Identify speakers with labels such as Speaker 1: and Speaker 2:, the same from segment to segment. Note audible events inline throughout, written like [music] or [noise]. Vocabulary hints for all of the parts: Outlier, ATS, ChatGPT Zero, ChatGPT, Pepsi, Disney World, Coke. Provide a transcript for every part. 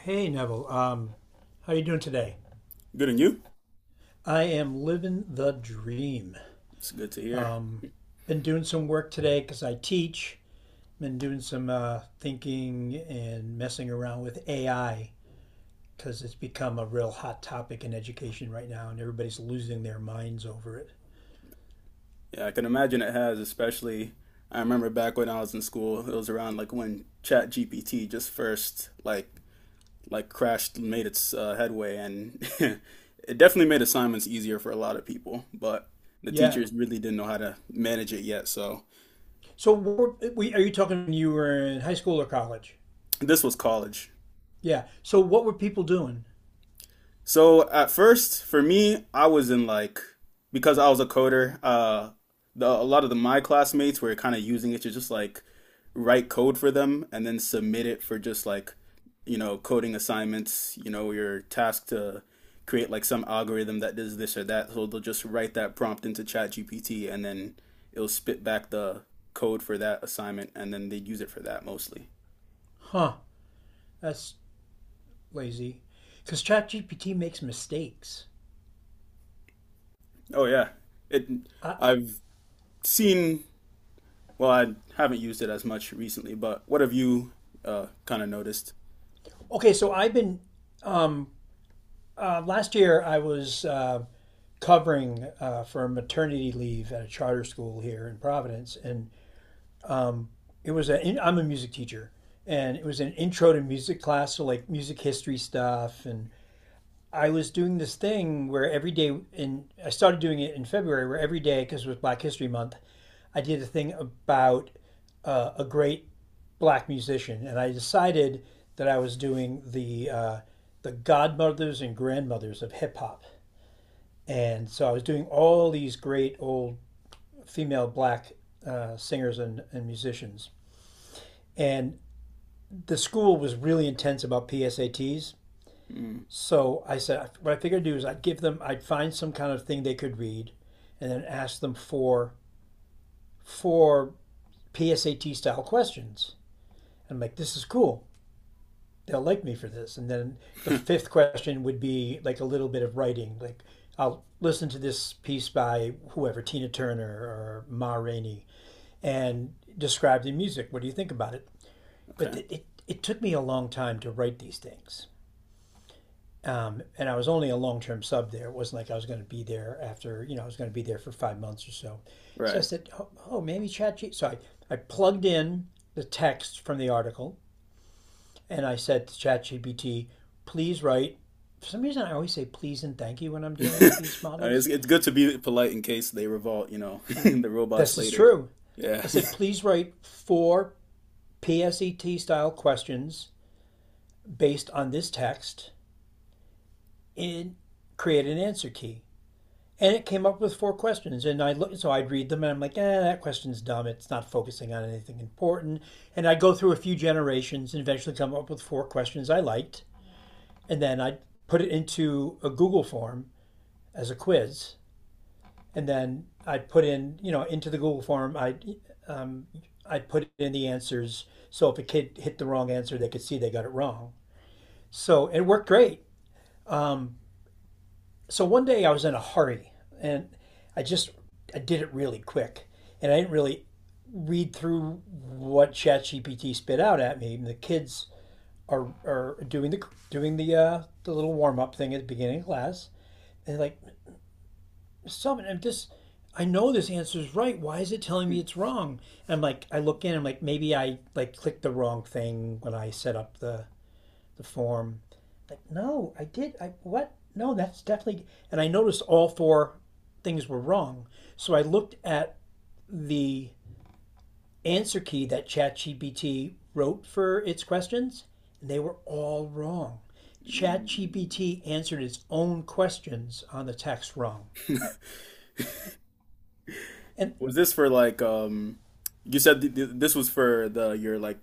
Speaker 1: Hey Neville, how you doing today?
Speaker 2: Good, and you?
Speaker 1: I am living the dream.
Speaker 2: It's good to hear.
Speaker 1: Been doing some work today because I teach. Been doing some thinking and messing around with AI because it's become a real hot topic in education right now, and everybody's losing their minds over it.
Speaker 2: Yeah, I can imagine it has. Especially I remember back when I was in school, it was around like when ChatGPT just first like crashed made its headway and [laughs] it definitely made assignments easier for a lot of people, but the
Speaker 1: Yeah.
Speaker 2: teachers really didn't know how to manage it yet, so
Speaker 1: So, are you talking when you were in high school or college?
Speaker 2: this was college.
Speaker 1: Yeah. So, what were people doing?
Speaker 2: So at first, for me, I was in like because I was a coder. The a lot of the my classmates were kind of using it to just like write code for them and then submit it for just like coding assignments. You know, you're tasked to create like some algorithm that does this or that. So they'll just write that prompt into ChatGPT and then it'll spit back the code for that assignment, and then they'd use it for that mostly.
Speaker 1: Huh. That's lazy. Because ChatGPT makes mistakes.
Speaker 2: Oh yeah, it.
Speaker 1: I,
Speaker 2: I've seen. Well, I haven't used it as much recently, but what have you kind of noticed?
Speaker 1: okay, so I've been um, last year, I was covering for maternity leave at a charter school here in Providence, and it was a. I'm a music teacher, and it was an intro to music class, so like music history stuff. And I was doing this thing where every day, and I started doing it in February, where every day, because it was Black History Month, I did a thing about a great black musician, and I decided that I was doing the godmothers and grandmothers of hip hop. And so I was doing all these great old female black singers and musicians. And the school was really intense about PSATs.
Speaker 2: Mm.
Speaker 1: So I said, what I figured I'd do is I'd give them, I'd find some kind of thing they could read and then ask them for PSAT style questions. And I'm like, this is cool. They'll like me for this. And then the
Speaker 2: [laughs]
Speaker 1: fifth question would be like a little bit of writing. Like, I'll listen to this piece by whoever, Tina Turner or Ma Rainey and describe the music. What do you think about it? But
Speaker 2: Okay.
Speaker 1: it took me a long time to write these things. And I was only a long term sub there. It wasn't like I was going to be there after, you know, I was going to be there for 5 months or so. So I
Speaker 2: Right.
Speaker 1: said, oh, oh maybe ChatGPT. I plugged in the text from the article and I said to ChatGPT, please write. For some reason, I always say please and thank you when I'm dealing with
Speaker 2: [laughs]
Speaker 1: these models.
Speaker 2: It's good to be polite in case they revolt, you know, [laughs] the robots
Speaker 1: This is
Speaker 2: later.
Speaker 1: true.
Speaker 2: Yeah.
Speaker 1: I said,
Speaker 2: [laughs]
Speaker 1: please write four PSET style questions based on this text and create an answer key. And it came up with four questions. And I look, so I'd read them and I'm like, eh, that question's dumb. It's not focusing on anything important. And I'd go through a few generations and eventually come up with four questions I liked. And then I'd put it into a Google form as a quiz. And then I'd put in, you know, into the Google form, I'd put in the answers. So if a kid hit the wrong answer, they could see they got it wrong. So it worked great. So one day I was in a hurry and I just I did it really quick and I didn't really read through what ChatGPT spit out at me. And the kids are doing the the little warm up thing at the beginning of class and they're like something I'm just I know this answer is right. Why is it telling me it's wrong? And I'm like I look in. I'm like maybe I like clicked the wrong thing when I set up the form. Like, no, I did. I what? No, that's definitely. And I noticed all four things were wrong. So I looked at the answer key that ChatGPT wrote for its questions, and they were all wrong.
Speaker 2: Mm.
Speaker 1: ChatGPT answered its own questions on the text wrong. And
Speaker 2: Was this for like you said th th this was for the your like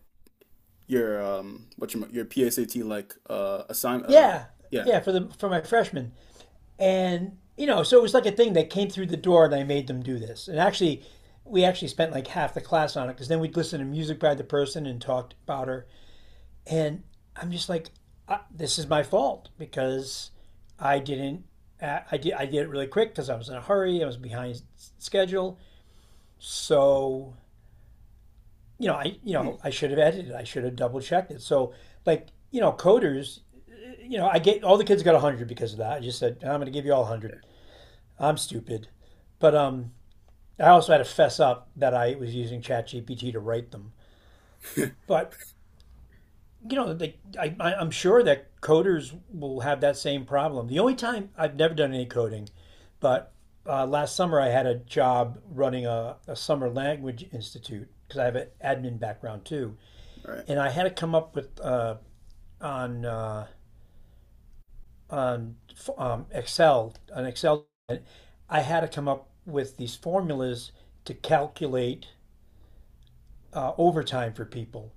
Speaker 2: your what your PSAT like assign
Speaker 1: yeah,
Speaker 2: yeah.
Speaker 1: yeah, for the for my freshman, and, you know, so it was like a thing that came through the door and I made them do this. And actually, we actually spent like half the class on it because then we'd listen to music by the person and talked about her. And I'm just like, this is my fault because I didn't. I did it really quick because I was in a hurry. I was behind schedule. So, you
Speaker 2: Hmm.
Speaker 1: know, I should have edited. I should have double checked it. So, like, you know, coders, you know, I get all the kids got 100 because of that. I just said, I'm going to give you all 100. I'm stupid. But I also had to fess up that I was using ChatGPT to write them.
Speaker 2: [laughs]
Speaker 1: But you know, am sure that coders will have that same problem. The only time I've never done any coding, but last summer I had a job running a summer language institute because I have an admin background too,
Speaker 2: All right.
Speaker 1: and I had to come up with on uh, on Excel. I had to come up with these formulas to calculate overtime for people.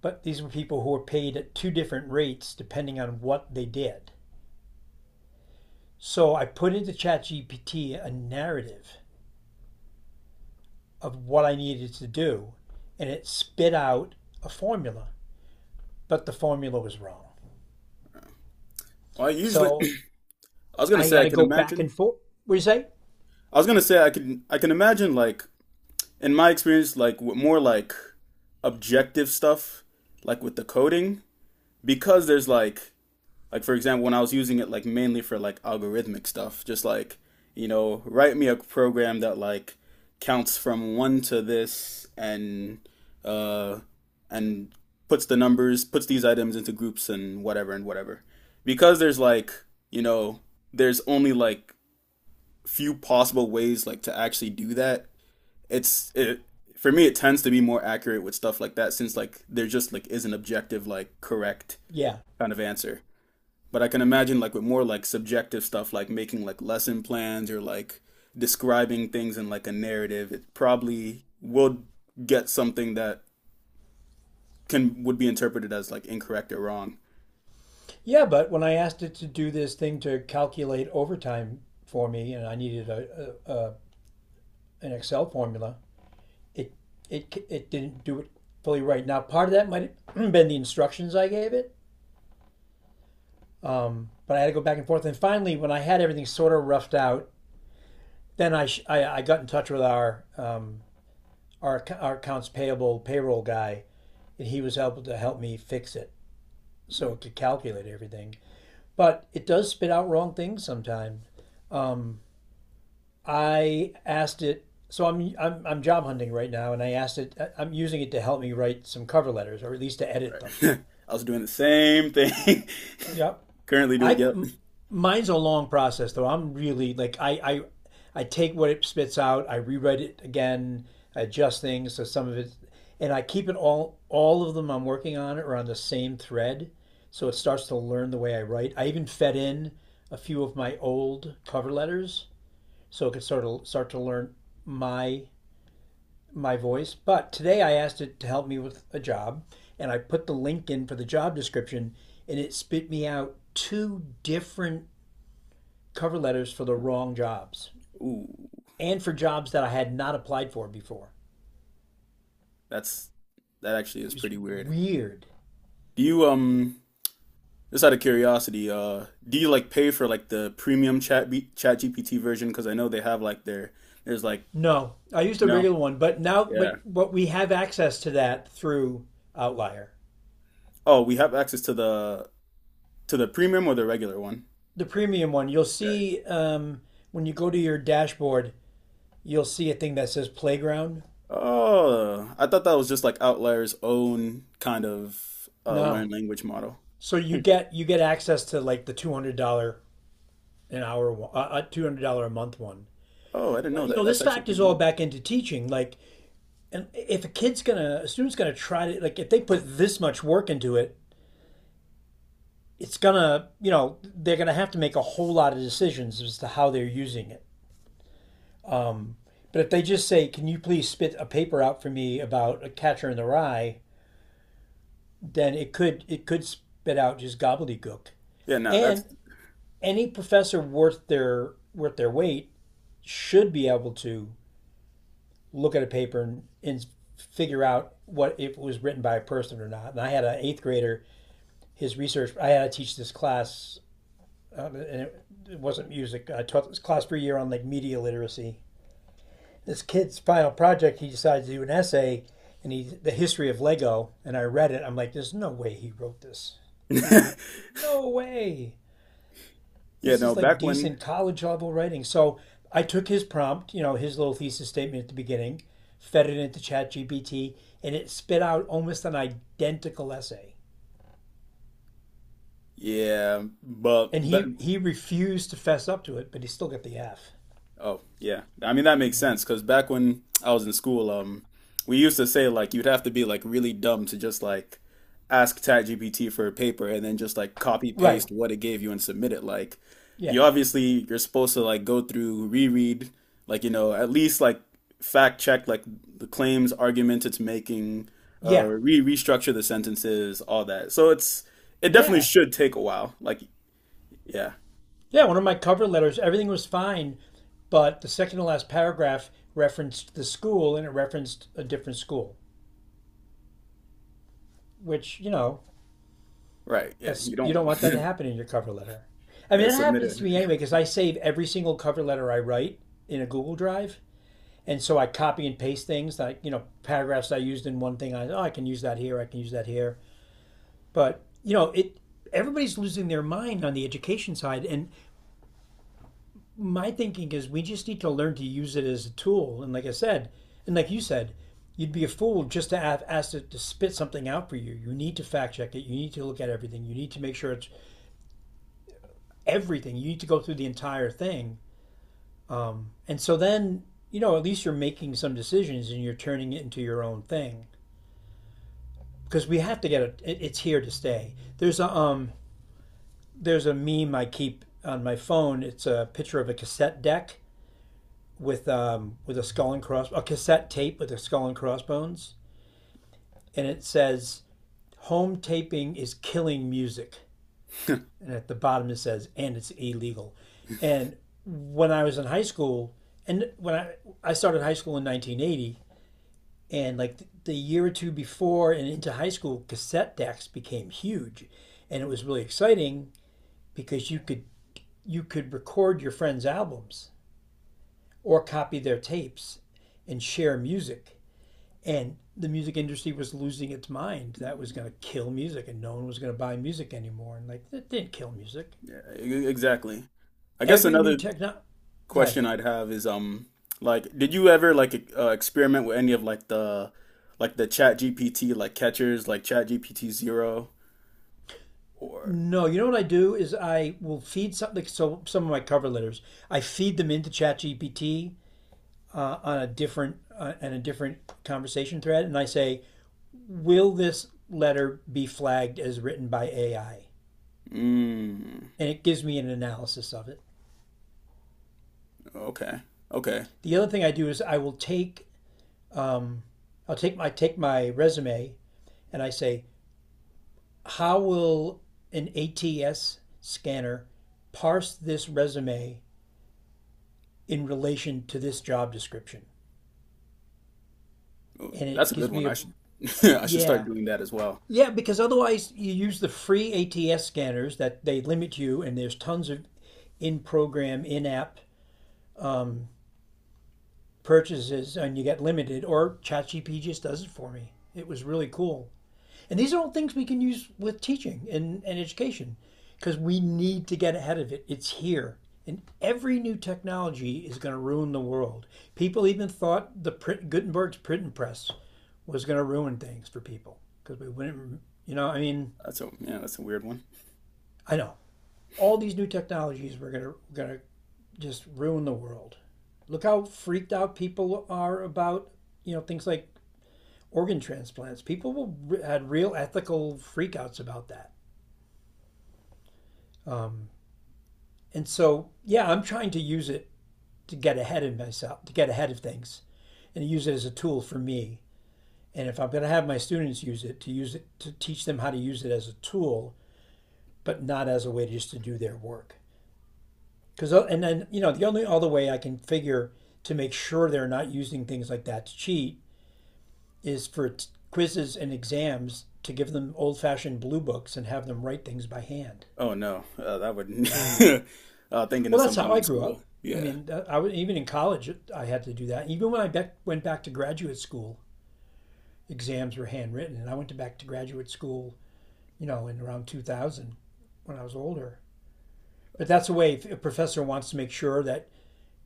Speaker 1: But these were people who were paid at two different rates depending on what they did. So I put into ChatGPT a narrative of what I needed to do, and it spit out a formula, but the formula was wrong.
Speaker 2: Well, I usually
Speaker 1: So
Speaker 2: [clears throat] I was gonna
Speaker 1: I
Speaker 2: say
Speaker 1: got
Speaker 2: I
Speaker 1: to
Speaker 2: can
Speaker 1: go back
Speaker 2: imagine.
Speaker 1: and forth. What do you say?
Speaker 2: I was gonna say I can imagine like in my experience, like with more like objective stuff, like with the coding, because there's like for example, when I was using it like mainly for like algorithmic stuff, just like you know, write me a program that like counts from one to this and uh and puts the numbers, puts these items into groups and whatever and whatever. Because there's like, you know, there's only like few possible ways like to actually do that it's it For me it tends to be more accurate with stuff like that since like there just like is an objective like correct
Speaker 1: Yeah.
Speaker 2: kind of answer. But I can imagine like with more like subjective stuff like making like lesson plans or like describing things in like a narrative, it probably will get something that can would be interpreted as like incorrect or wrong.
Speaker 1: Yeah, but when I asked it to do this thing to calculate overtime for me, and I needed a an Excel formula, it it didn't do it fully right. Now, part of that might have [clears throat] been the instructions I gave it. But I had to go back and forth. And finally, when I had everything sort of roughed out, then I got in touch with our, our accounts payable payroll guy, and he was able to help me fix it so it could calculate everything. But it does spit out wrong things sometimes. I asked it, so I'm job hunting right now, and I asked it, I'm using it to help me write some cover letters or at least to edit them.
Speaker 2: Right. [laughs] I was doing the same thing.
Speaker 1: Yep.
Speaker 2: [laughs] Currently
Speaker 1: I
Speaker 2: doing, yep.
Speaker 1: m- mine's a long process though. I'm really like I take what it spits out, I rewrite it again, I adjust things so some of it and I keep it all of them I'm working on are on the same thread, so it starts to learn the way I write. I even fed in a few of my old cover letters so it could sort of start to learn my my voice. But today I asked it to help me with a job, and I put the link in for the job description, and it spit me out two different cover letters for the wrong jobs
Speaker 2: Ooh,
Speaker 1: and for jobs that I had not applied for before.
Speaker 2: that's that actually
Speaker 1: It
Speaker 2: is
Speaker 1: was
Speaker 2: pretty weird.
Speaker 1: weird.
Speaker 2: Do you just out of curiosity, do you like pay for like the premium chat GPT version? Because I know they have like their there's like
Speaker 1: No, I used a
Speaker 2: no,
Speaker 1: regular one, but now,
Speaker 2: yeah.
Speaker 1: but we have access to that through Outlier,
Speaker 2: Oh, we have access to the premium or the regular one.
Speaker 1: the premium one. You'll
Speaker 2: Right.
Speaker 1: see when you go to your dashboard, you'll see a thing that says playground.
Speaker 2: Oh, I thought that was just like Outlier's own kind of
Speaker 1: No,
Speaker 2: learn language model.
Speaker 1: so
Speaker 2: Hmm.
Speaker 1: you get access to like the $200 an hour, $200 a month one.
Speaker 2: Oh, I didn't know
Speaker 1: But you
Speaker 2: that.
Speaker 1: know
Speaker 2: That's
Speaker 1: this
Speaker 2: actually
Speaker 1: factors
Speaker 2: pretty
Speaker 1: all
Speaker 2: neat.
Speaker 1: back into teaching. Like, and if a student's gonna try to like, if they put this much work into it, it's gonna, you know, they're gonna have to make a whole lot of decisions as to how they're using it. But if they just say, "Can you please spit a paper out for me about a catcher in the rye?" Then it could spit out just gobbledygook.
Speaker 2: Yeah, no, that's
Speaker 1: And any professor worth their weight should be able to look at a paper and figure out what if it was written by a person or not. And I had an eighth grader, I had to teach this class, and it wasn't music. I taught this class for a year on like media literacy. This kid's final project, he decided to do an essay, and he the history of Lego. And I read it. I'm like, there's no way he wrote this.
Speaker 2: [laughs] yeah,
Speaker 1: No way. This
Speaker 2: no.
Speaker 1: is like
Speaker 2: Back when,
Speaker 1: decent college level writing. So I took his prompt, you know, his little thesis statement at the beginning, fed it into ChatGPT, and it spit out almost an identical essay.
Speaker 2: yeah, but
Speaker 1: And
Speaker 2: ba
Speaker 1: he refused to fess up to it, but he still got the F.
Speaker 2: oh, yeah. I mean, that makes
Speaker 1: Yeah.
Speaker 2: sense because back when I was in school, we used to say like you'd have to be like really dumb to just like ask ChatGPT for a paper and then just like copy
Speaker 1: Right.
Speaker 2: paste what it gave you and submit it. Like,
Speaker 1: Yeah.
Speaker 2: you obviously you're supposed to like go through, reread, like you know, at least like fact check like the claims, argument it's making,
Speaker 1: Yeah.
Speaker 2: re restructure the sentences, all that. So it's it definitely
Speaker 1: Yeah.
Speaker 2: should take a while. Like, yeah,
Speaker 1: Yeah. One of my cover letters, everything was fine, but the second to last paragraph referenced the school and it referenced a different school, which, you know,
Speaker 2: right, yeah.
Speaker 1: that's
Speaker 2: You
Speaker 1: you don't
Speaker 2: don't
Speaker 1: want that to happen in your cover letter.
Speaker 2: [laughs]
Speaker 1: I mean,
Speaker 2: yeah,
Speaker 1: it
Speaker 2: submit
Speaker 1: happens to me anyway because I save every single cover letter I write in a Google Drive, and so I copy and paste things like you know paragraphs I used in one thing. I oh I can use that here, I can use that here. But you know it. Everybody's losing their mind on the education side, and my thinking is we just need to learn to use it as a tool. And like I said, and like you said, you'd be a fool just to have, ask it to spit something out for you. You need to fact check it. You need to look at everything. You need to make sure it's everything. You need to go through the entire thing. And so then, you know, at least you're making some decisions and you're turning it into your own thing because we have to get it. It's here to stay. There's a there's a meme I keep on my phone. It's a picture of a cassette deck with a skull and cross a cassette tape with a skull and crossbones, and it says home taping is killing music.
Speaker 2: it. [laughs]
Speaker 1: And at the bottom it says and it's illegal. And when I was in high school, and when I started high school in 1980, and like the year or two before and into high school, cassette decks became huge, and it was really exciting because you could record your friends' albums or copy their tapes and share music. And the music industry was losing its mind. That was going to kill music, and no one was going to buy music anymore. And like, it didn't kill music.
Speaker 2: Yeah, exactly. I guess
Speaker 1: Every new
Speaker 2: another
Speaker 1: techno. Go ahead.
Speaker 2: question I'd have is like did you ever like experiment with any of like the Chat GPT like catchers like Chat GPT Zero or
Speaker 1: No, you know what I do is I will feed something. So some of my cover letters, I feed them into ChatGPT on a different and a different conversation thread, and I say, "Will this letter be flagged as written by AI?"
Speaker 2: mm,
Speaker 1: And it gives me an analysis of it.
Speaker 2: okay okay.
Speaker 1: The other thing I do is I will take um, I'll take my resume and I say, "How will an ATS scanner parse this resume in relation to this job description?"
Speaker 2: Oh,
Speaker 1: And
Speaker 2: that's
Speaker 1: it
Speaker 2: a good
Speaker 1: gives
Speaker 2: one
Speaker 1: me a
Speaker 2: I should [laughs] I should start
Speaker 1: yeah.
Speaker 2: doing that as well.
Speaker 1: Yeah, because otherwise you use the free ATS scanners that they limit you, and there's tons of in program, in app um, purchases, and you get limited, or ChatGPT just does it for me. It was really cool. And these are all things we can use with teaching and education because we need to get ahead of it. It's here. And every new technology is going to ruin the world. People even thought the print, Gutenberg's printing press was going to ruin things for people because we wouldn't, you know, I mean,
Speaker 2: That's a yeah that's a weird one.
Speaker 1: I know all these new technologies were going to just ruin the world. Look how freaked out people are about, you know, things like organ transplants. People will, had real ethical freakouts about that. Um, and so, yeah, I'm trying to use it to get ahead of myself, to get ahead of things, and use it as a tool for me. And if I'm going to have my students use it to teach them how to use it as a tool, but not as a way just to do their work. Because and then you know the only other way I can figure to make sure they're not using things like that to cheat is for quizzes and exams to give them old-fashioned blue books and have them write things by hand.
Speaker 2: Oh no that would
Speaker 1: Yeah.
Speaker 2: [laughs] thinking of
Speaker 1: Well, that's how
Speaker 2: something
Speaker 1: I
Speaker 2: with
Speaker 1: grew
Speaker 2: school.
Speaker 1: up. I
Speaker 2: Yeah.
Speaker 1: mean, I was even in college. I had to do that. Even when I went back to graduate school, exams were handwritten, and I went to back to graduate school. You know, in around 2000 when I was older. But that's the way if a professor wants to make sure that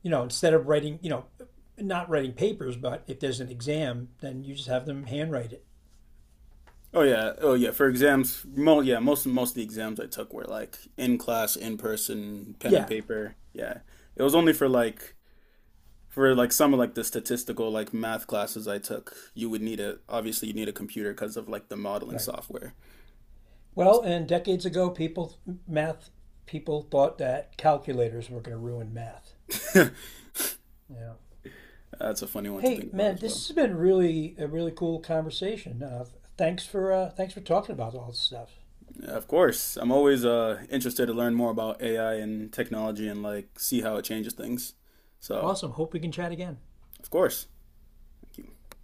Speaker 1: you know, instead of writing, you know, not writing papers, but if there's an exam, then you just have them handwrite it.
Speaker 2: Oh yeah, oh yeah. For exams, mo yeah, most of the exams I took were like in class, in person, pen and
Speaker 1: Yeah,
Speaker 2: paper. Yeah, it was only for like some of like the statistical like math classes I took. You would need a obviously you need a computer because of like the modeling
Speaker 1: right.
Speaker 2: software. So
Speaker 1: Well, and decades ago, people, math people thought that calculators were going to ruin math.
Speaker 2: [laughs]
Speaker 1: Yeah.
Speaker 2: that's a funny one to
Speaker 1: Hey,
Speaker 2: think about
Speaker 1: man,
Speaker 2: as well.
Speaker 1: this has been really a really cool conversation. Thanks for thanks for talking about all this stuff.
Speaker 2: Yeah, of course, I'm always interested to learn more about AI and technology and like see how it changes things. So
Speaker 1: Awesome. Hope we can chat again.
Speaker 2: of course, thank you.